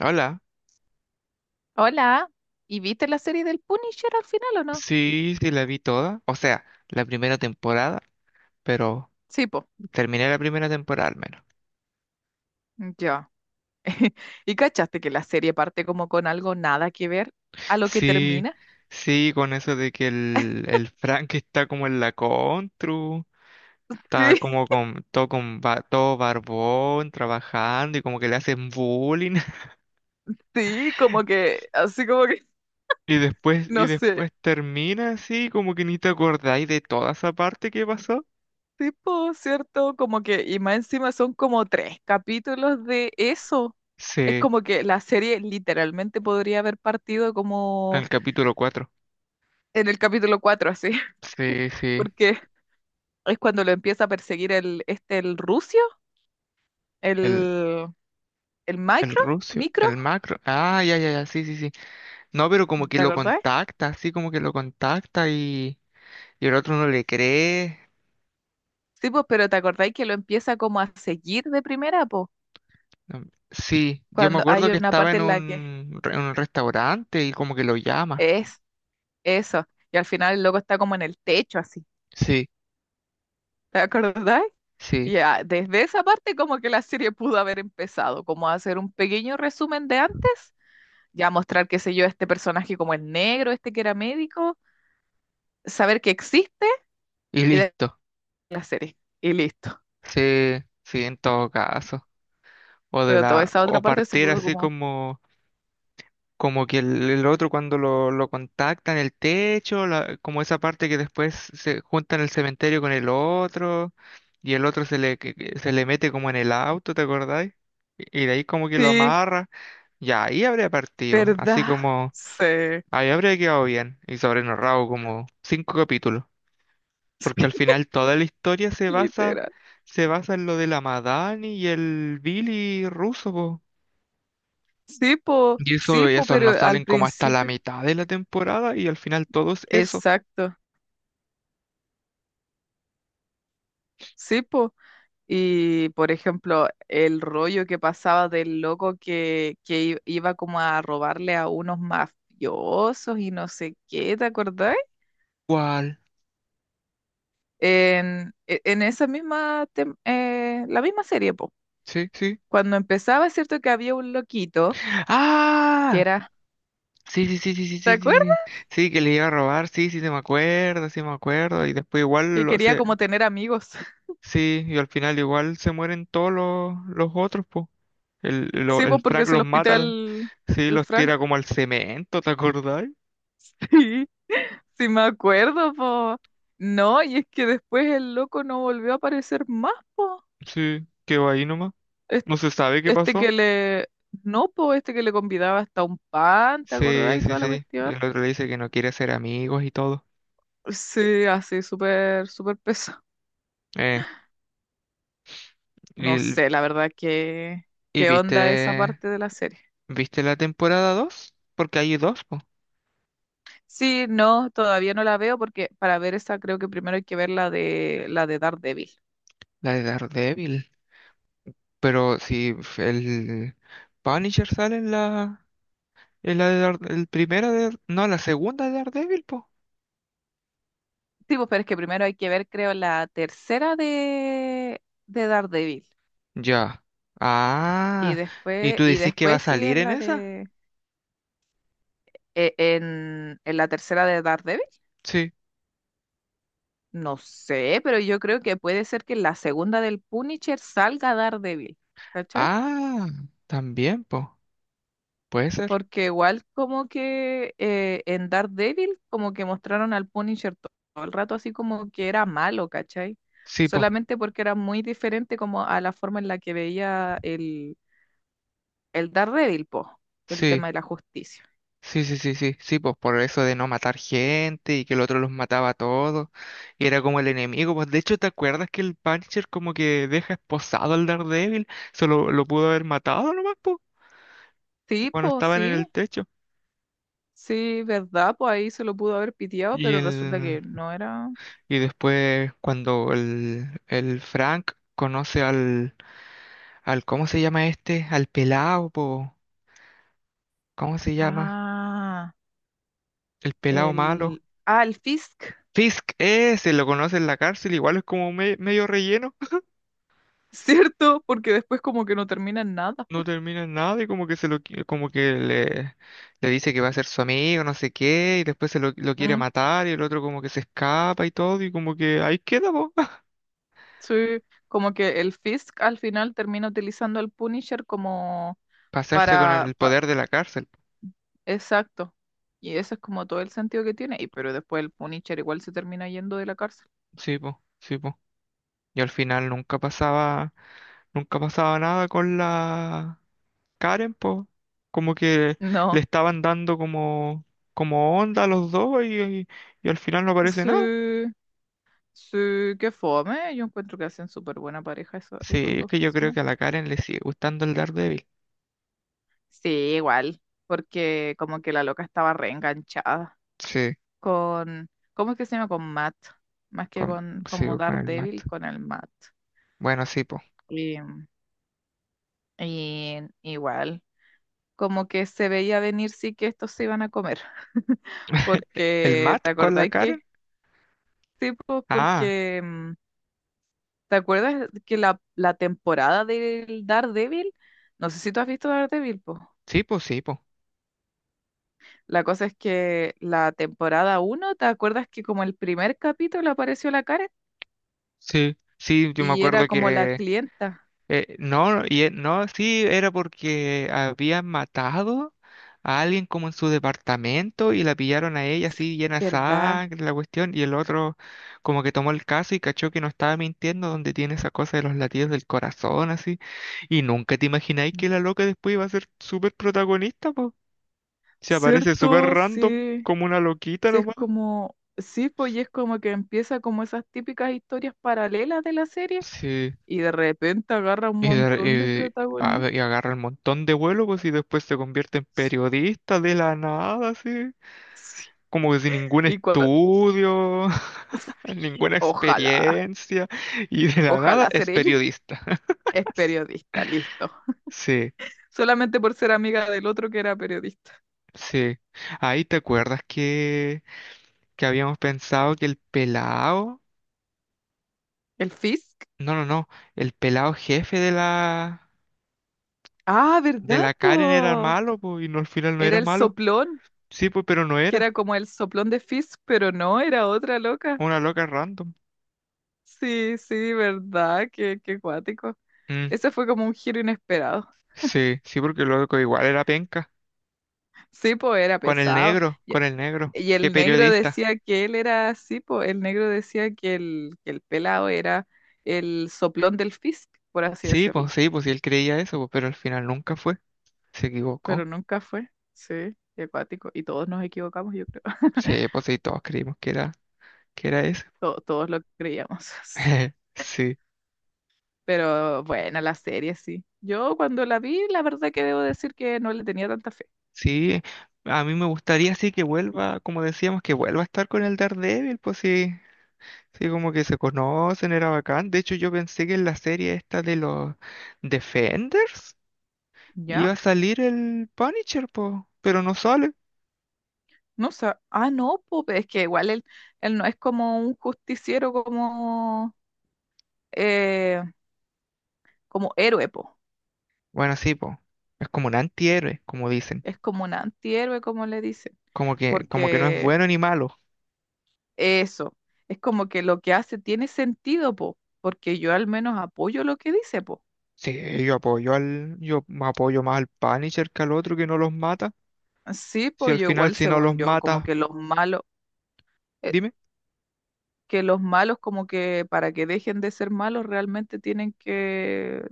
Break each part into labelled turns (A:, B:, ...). A: Hola,
B: Hola, ¿y viste la serie del Punisher al final o no?
A: sí, sí la vi toda, o sea, la primera temporada, pero
B: Sí, po,
A: terminé la primera temporada al menos.
B: ya. ¿Y cachaste que la serie parte como con algo nada que ver a lo que
A: Sí,
B: termina?
A: sí, con eso de que el Frank está como en la contru, está
B: Sí,
A: como con todo, todo barbón, trabajando y como que le hacen bullying.
B: sí, como que, así como que,
A: Y después, y
B: no sé,
A: después termina así, como que ni te acordáis de toda esa parte que pasó.
B: tipo, ¿cierto? Como que, y más encima son como tres capítulos de eso.
A: Sí,
B: Es
A: en
B: como que la serie literalmente podría haber partido como
A: el capítulo 4.
B: en el capítulo 4 así,
A: Sí, sí.
B: porque es cuando lo empieza a perseguir el, el rucio, el... el
A: El
B: micro,
A: Rusio,
B: micro,
A: el macro. Ah, ya, ya, ya, sí, sí, sí. No, pero como que
B: ¿te
A: lo
B: acordáis?
A: contacta, así como que lo contacta y el otro no le cree.
B: Sí, pues, pero ¿te acordáis que lo empieza como a seguir de primera, pues?
A: No, sí, yo me
B: Cuando
A: acuerdo
B: hay
A: que
B: una
A: estaba
B: parte en la que
A: en un restaurante y como que lo llama.
B: es eso, y al final el loco está como en el techo, así,
A: Sí,
B: ¿te acordáis?
A: sí,
B: Ya, desde esa parte como que la serie pudo haber empezado, como a hacer un pequeño resumen de antes, ya mostrar, qué sé yo, este personaje como el negro, este que era médico, saber que existe
A: y
B: y de
A: listo.
B: la serie, y listo.
A: Sí, sí, en todo caso. O de
B: Pero toda
A: la,
B: esa otra
A: o
B: parte se
A: partir
B: pudo
A: así
B: como,
A: como. Como que el otro cuando lo contacta en el techo, como esa parte que después se junta en el cementerio con el otro, y el otro se le, que se le mete como en el auto, ¿te acordáis? Y de ahí como que lo
B: sí,
A: amarra, ya ahí habría partido, así
B: ¿verdad?
A: como
B: Sí.
A: ahí habría quedado bien, y sobrenorrado como cinco capítulos, porque al final toda la historia
B: Literal.
A: se basa en lo de la Madani y el Billy ruso. Y
B: Sí,
A: eso, y
B: po,
A: esos
B: pero
A: no
B: al
A: salen como hasta la
B: principio,
A: mitad de la temporada y al final todos eso.
B: exacto, sí, po. Y por ejemplo, el rollo que pasaba del loco que, iba como a robarle a unos mafiosos y no sé qué, ¿te acordás?
A: ¿Cuál?
B: En, en esa misma, la misma serie, po.
A: Sí, sí.
B: Cuando empezaba, es cierto que había un loquito que
A: ¡Ah!
B: era,
A: Sí, sí, sí, sí, sí,
B: ¿te
A: sí, sí. Sí,
B: acuerdas?
A: sí, que le iba a robar, sí, sí, se me acuerdo, sí me acuerdo. Y después igual
B: Que
A: lo
B: quería
A: se.
B: como tener amigos.
A: Sí, y al final igual se mueren todos los otros, po. El, lo-
B: Sí,
A: el
B: po, porque
A: Frank
B: es el
A: los mata,
B: hospital,
A: sí,
B: el
A: los
B: Frank.
A: tira como al cemento, ¿te acordás?
B: Sí me acuerdo, po. No, y es que después el loco no volvió a aparecer más, po.
A: Sí, quedó ahí nomás.
B: Es-
A: No se sabe qué
B: Este
A: pasó.
B: No, po, este que le convidaba hasta un pan, ¿te acordás?
A: Sí,
B: Y
A: sí,
B: toda la
A: sí. Y
B: cuestión.
A: el otro le dice que no quiere ser amigos y todo.
B: Sí, así, súper, súper peso.
A: eh
B: No
A: ¿Y,
B: sé, la verdad, que
A: y
B: qué onda esa
A: viste,
B: parte de la serie.
A: viste la temporada dos? Porque hay dos, po,
B: Sí, no, todavía no la veo porque para ver esa creo que primero hay que ver la de Daredevil.
A: la de Daredevil. Pero si f- el Punisher sale en la de Dar- el primera de, no, la segunda de Daredevil, po.
B: Sí, pues, pero es que primero hay que ver, creo, la tercera de Daredevil.
A: Ya.
B: Y
A: Ah, ¿y
B: después,
A: tú decís que va a
B: sigue
A: salir en
B: la
A: esa?
B: de en la tercera de Daredevil.
A: Sí.
B: No sé, pero yo creo que puede ser que en la segunda del Punisher salga Daredevil, ¿cachai?
A: Ah, también, po. Puede ser.
B: Porque igual como que en Daredevil como que mostraron al Punisher todo el rato así como que era malo, ¿cachai?
A: Sí, po.
B: Solamente porque era muy diferente como a la forma en la que veía el Daredevil, po, el
A: Sí.
B: tema de la justicia.
A: Sí, sí, sí, sí, sí, pues por eso de no matar gente y que el otro los mataba a todos y era como el enemigo, pues de hecho, ¿te acuerdas que el Punisher como que deja esposado al Daredevil? Solo lo pudo haber matado nomás, pues,
B: Sí,
A: cuando
B: po,
A: estaban en
B: sí.
A: el techo.
B: Sí, ¿verdad? Pues ahí se lo pudo haber piteado,
A: Y
B: pero resulta
A: el
B: que no era.
A: y después cuando el Frank conoce al al ¿cómo se llama este? Al pelado, pues, ¿cómo se llama?
B: Ah,
A: El pelado malo.
B: Ah, el Fisk,
A: Fisk, ese lo conoce en la cárcel, igual es como medio relleno.
B: ¿cierto? Porque después como que no termina en nada.
A: No termina nada y como que como que le dice que va a ser su amigo, no sé qué, y después lo quiere
B: Mm,
A: matar y el otro como que se escapa y todo y como que ahí queda, po.
B: sí, como que el Fisk al final termina utilizando al Punisher como
A: Pasarse con
B: para...
A: el
B: pa-
A: poder de la cárcel.
B: Exacto. Y eso es como todo el sentido que tiene. Y pero después el Punisher igual se termina yendo de la cárcel.
A: Sí, po, sí, po. Y al final nunca pasaba nada con la Karen, po. Como que le
B: No.
A: estaban dando como, como onda a los dos y al final no aparece nada.
B: Sí, sí, qué fome. Yo encuentro que hacen súper buena pareja esos
A: Sí, es
B: dos
A: que yo creo
B: personajes.
A: que a la Karen le sigue gustando el Daredevil.
B: Sí, igual, porque como que la loca estaba reenganchada
A: Sí.
B: con, ¿cómo es que se llama? Con Matt, más que
A: Con-
B: con como
A: sigo con el Matt.
B: Daredevil, con el Matt.
A: Bueno, sí, po.
B: Y, y igual, como que se veía venir sí que estos se iban a comer,
A: ¿El
B: porque,
A: Matt
B: ¿te
A: con la
B: acordáis
A: Karen?
B: que? Sí, pues,
A: Ah,
B: porque, ¿te acuerdas que la temporada del Daredevil? No sé si tú has visto Daredevil, pues.
A: sí, po, sí, po.
B: La cosa es que la temporada uno, ¿te acuerdas que como el primer capítulo apareció la Karen
A: Sí, sí, yo me
B: y era
A: acuerdo
B: como la
A: que…
B: clienta?
A: no, sí, era porque habían matado a alguien como en su departamento y la pillaron a ella así llena de
B: ¿Verdad?
A: sangre, la cuestión, y el otro como que tomó el caso y cachó que no estaba mintiendo donde tiene esa cosa de los latidos del corazón así. Y nunca te imagináis que la loca después iba a ser súper protagonista. Se aparece súper
B: ¿Cierto?
A: random,
B: Sí.
A: como una loquita
B: Sí, es
A: nomás.
B: como, sí, pues y es como que empieza como esas típicas historias paralelas de la serie
A: Sí.
B: y de repente agarra un
A: Y,
B: montón de
A: a
B: protagonistas.
A: ver, y agarra un montón de vuelo, pues, y después se convierte en
B: Sí,
A: periodista de la nada, así.
B: sí.
A: Como que sin ningún
B: Y cua-
A: estudio,
B: sí,
A: ninguna
B: Ojalá,
A: experiencia. Y de la nada
B: ojalá
A: es
B: ser ella.
A: periodista.
B: Es periodista, listo.
A: Sí,
B: Solamente por ser amiga del otro que era periodista.
A: sí. Ahí te acuerdas que habíamos pensado que el pelado.
B: ¿El Fizz?
A: No, no, no. El pelado jefe de la.
B: Ah,
A: De
B: ¿verdad,
A: la Karen era
B: po?
A: malo, pues, y no, al final no
B: Era
A: era
B: el
A: malo.
B: soplón,
A: Sí, pues, pero no
B: que era
A: era.
B: como el soplón de Fizz, pero no, era otra loca.
A: Una loca random.
B: Sí, sí, ¿verdad? Qué, qué cuático.
A: Mm,
B: Ese fue como un giro inesperado.
A: sí, sí, porque el loco igual era penca.
B: Sí, po, era
A: Con el
B: pesado.
A: negro,
B: Y,
A: con el negro.
B: y
A: Qué
B: el negro
A: periodista.
B: decía que él era así, po. El negro decía que que el pelado era el soplón del Fizz, por así
A: Sí, pues
B: decirlo.
A: sí, pues sí, él creía eso, pues, pero al final nunca fue. Se
B: Pero
A: equivocó.
B: nunca fue. Sí, qué cuático. Y todos nos equivocamos, yo creo.
A: Sí, pues sí, todos creímos que era ese.
B: Todos lo creíamos.
A: Sí,
B: Pero bueno, la serie sí. Yo cuando la vi, la verdad que debo decir que no le tenía tanta fe.
A: sí. A mí me gustaría sí que vuelva, como decíamos, que vuelva a estar con el Daredevil, pues sí. Sí, como que se conocen, era bacán. De hecho, yo pensé que en la serie esta de los Defenders.
B: ¿Ya?
A: Iba a salir el Punisher, po, pero no sale.
B: No sé. Ah, no, pues es que igual él, él no es como un justiciero como, eh, como héroe, po.
A: Bueno, sí, po. Es como un antihéroe, como dicen.
B: Es como un antihéroe, como le dicen.
A: Como que no es
B: Porque
A: bueno ni malo.
B: eso, es como que lo que hace tiene sentido, po. Porque yo al menos apoyo lo que dice, po.
A: Sí, yo apoyo al, yo me apoyo más al Punisher que al otro que no los mata.
B: Sí,
A: Si
B: pues
A: al
B: yo
A: final
B: igual,
A: si no los
B: según yo, como
A: mata,
B: que los malos. eh,
A: dime,
B: que los malos como que para que dejen de ser malos realmente tienen que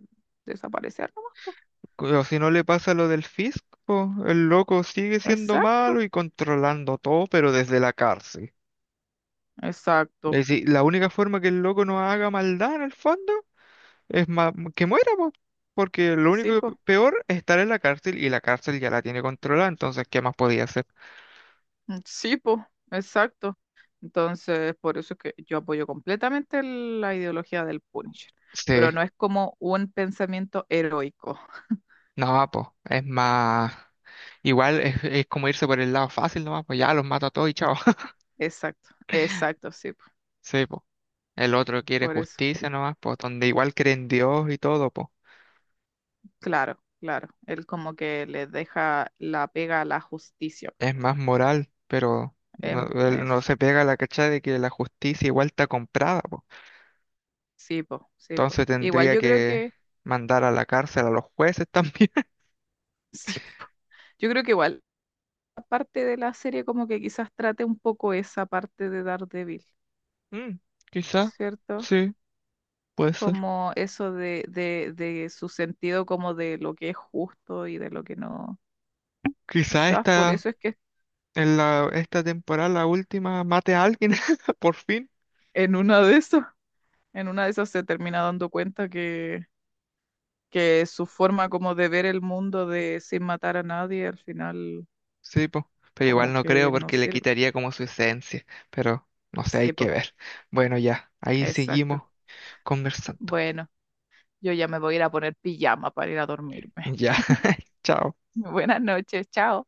B: desaparecer nomás, po.
A: o si no le pasa lo del Fisk, po, el loco sigue siendo malo
B: Exacto,
A: y controlando todo, pero desde la cárcel.
B: exacto.
A: Es decir, la única forma que el loco no haga maldad en el fondo. Es más, que muera, po, porque lo
B: Sí,
A: único
B: po.
A: peor es estar en la cárcel y la cárcel ya la tiene controlada, entonces, ¿qué más podía hacer?
B: Mm, sí, po. Exacto. Entonces, por eso es que yo apoyo completamente la ideología del Punisher,
A: Sí,
B: pero no es como un pensamiento heroico.
A: no, pues, es más, igual es como irse por el lado fácil nomás, pues ya los mato a todos y chao.
B: Exacto, exacto, sí, po.
A: Sí, pues, el otro quiere
B: Por eso.
A: justicia nomás, pues, donde igual cree en Dios y todo, pues,
B: Claro, claro. Él como que le deja la pega a la justicia, pero
A: es más moral, pero no, él no
B: eso.
A: se pega la cachada de que la justicia igual está comprada, pues,
B: Sí, po, sí, po.
A: entonces
B: Igual
A: tendría
B: yo creo
A: que
B: que
A: mandar a la cárcel a los jueces también.
B: sí, po. Yo creo que igual, parte de la serie como que quizás trate un poco esa parte de Daredevil,
A: Mm, quizá,
B: ¿cierto?
A: sí, puede ser.
B: Como eso de, de su sentido como de lo que es justo y de lo que no.
A: Quizá
B: Quizás por
A: esta,
B: eso es que
A: en la, esta temporada, la última, mate a alguien, por fin.
B: en una de esas, en una de esas se termina dando cuenta que su forma como de ver el mundo de sin matar a nadie al final
A: Sí, po. Pero igual
B: como
A: no
B: que
A: creo
B: no
A: porque le
B: sirve.
A: quitaría como su esencia. Pero no sé, hay
B: Sí,
A: que
B: po,
A: ver. Bueno, ya, ahí
B: exacto.
A: seguimos conversando.
B: Bueno, yo ya me voy a ir a poner pijama para ir a dormirme.
A: Ya, chao.
B: Buenas noches, chao.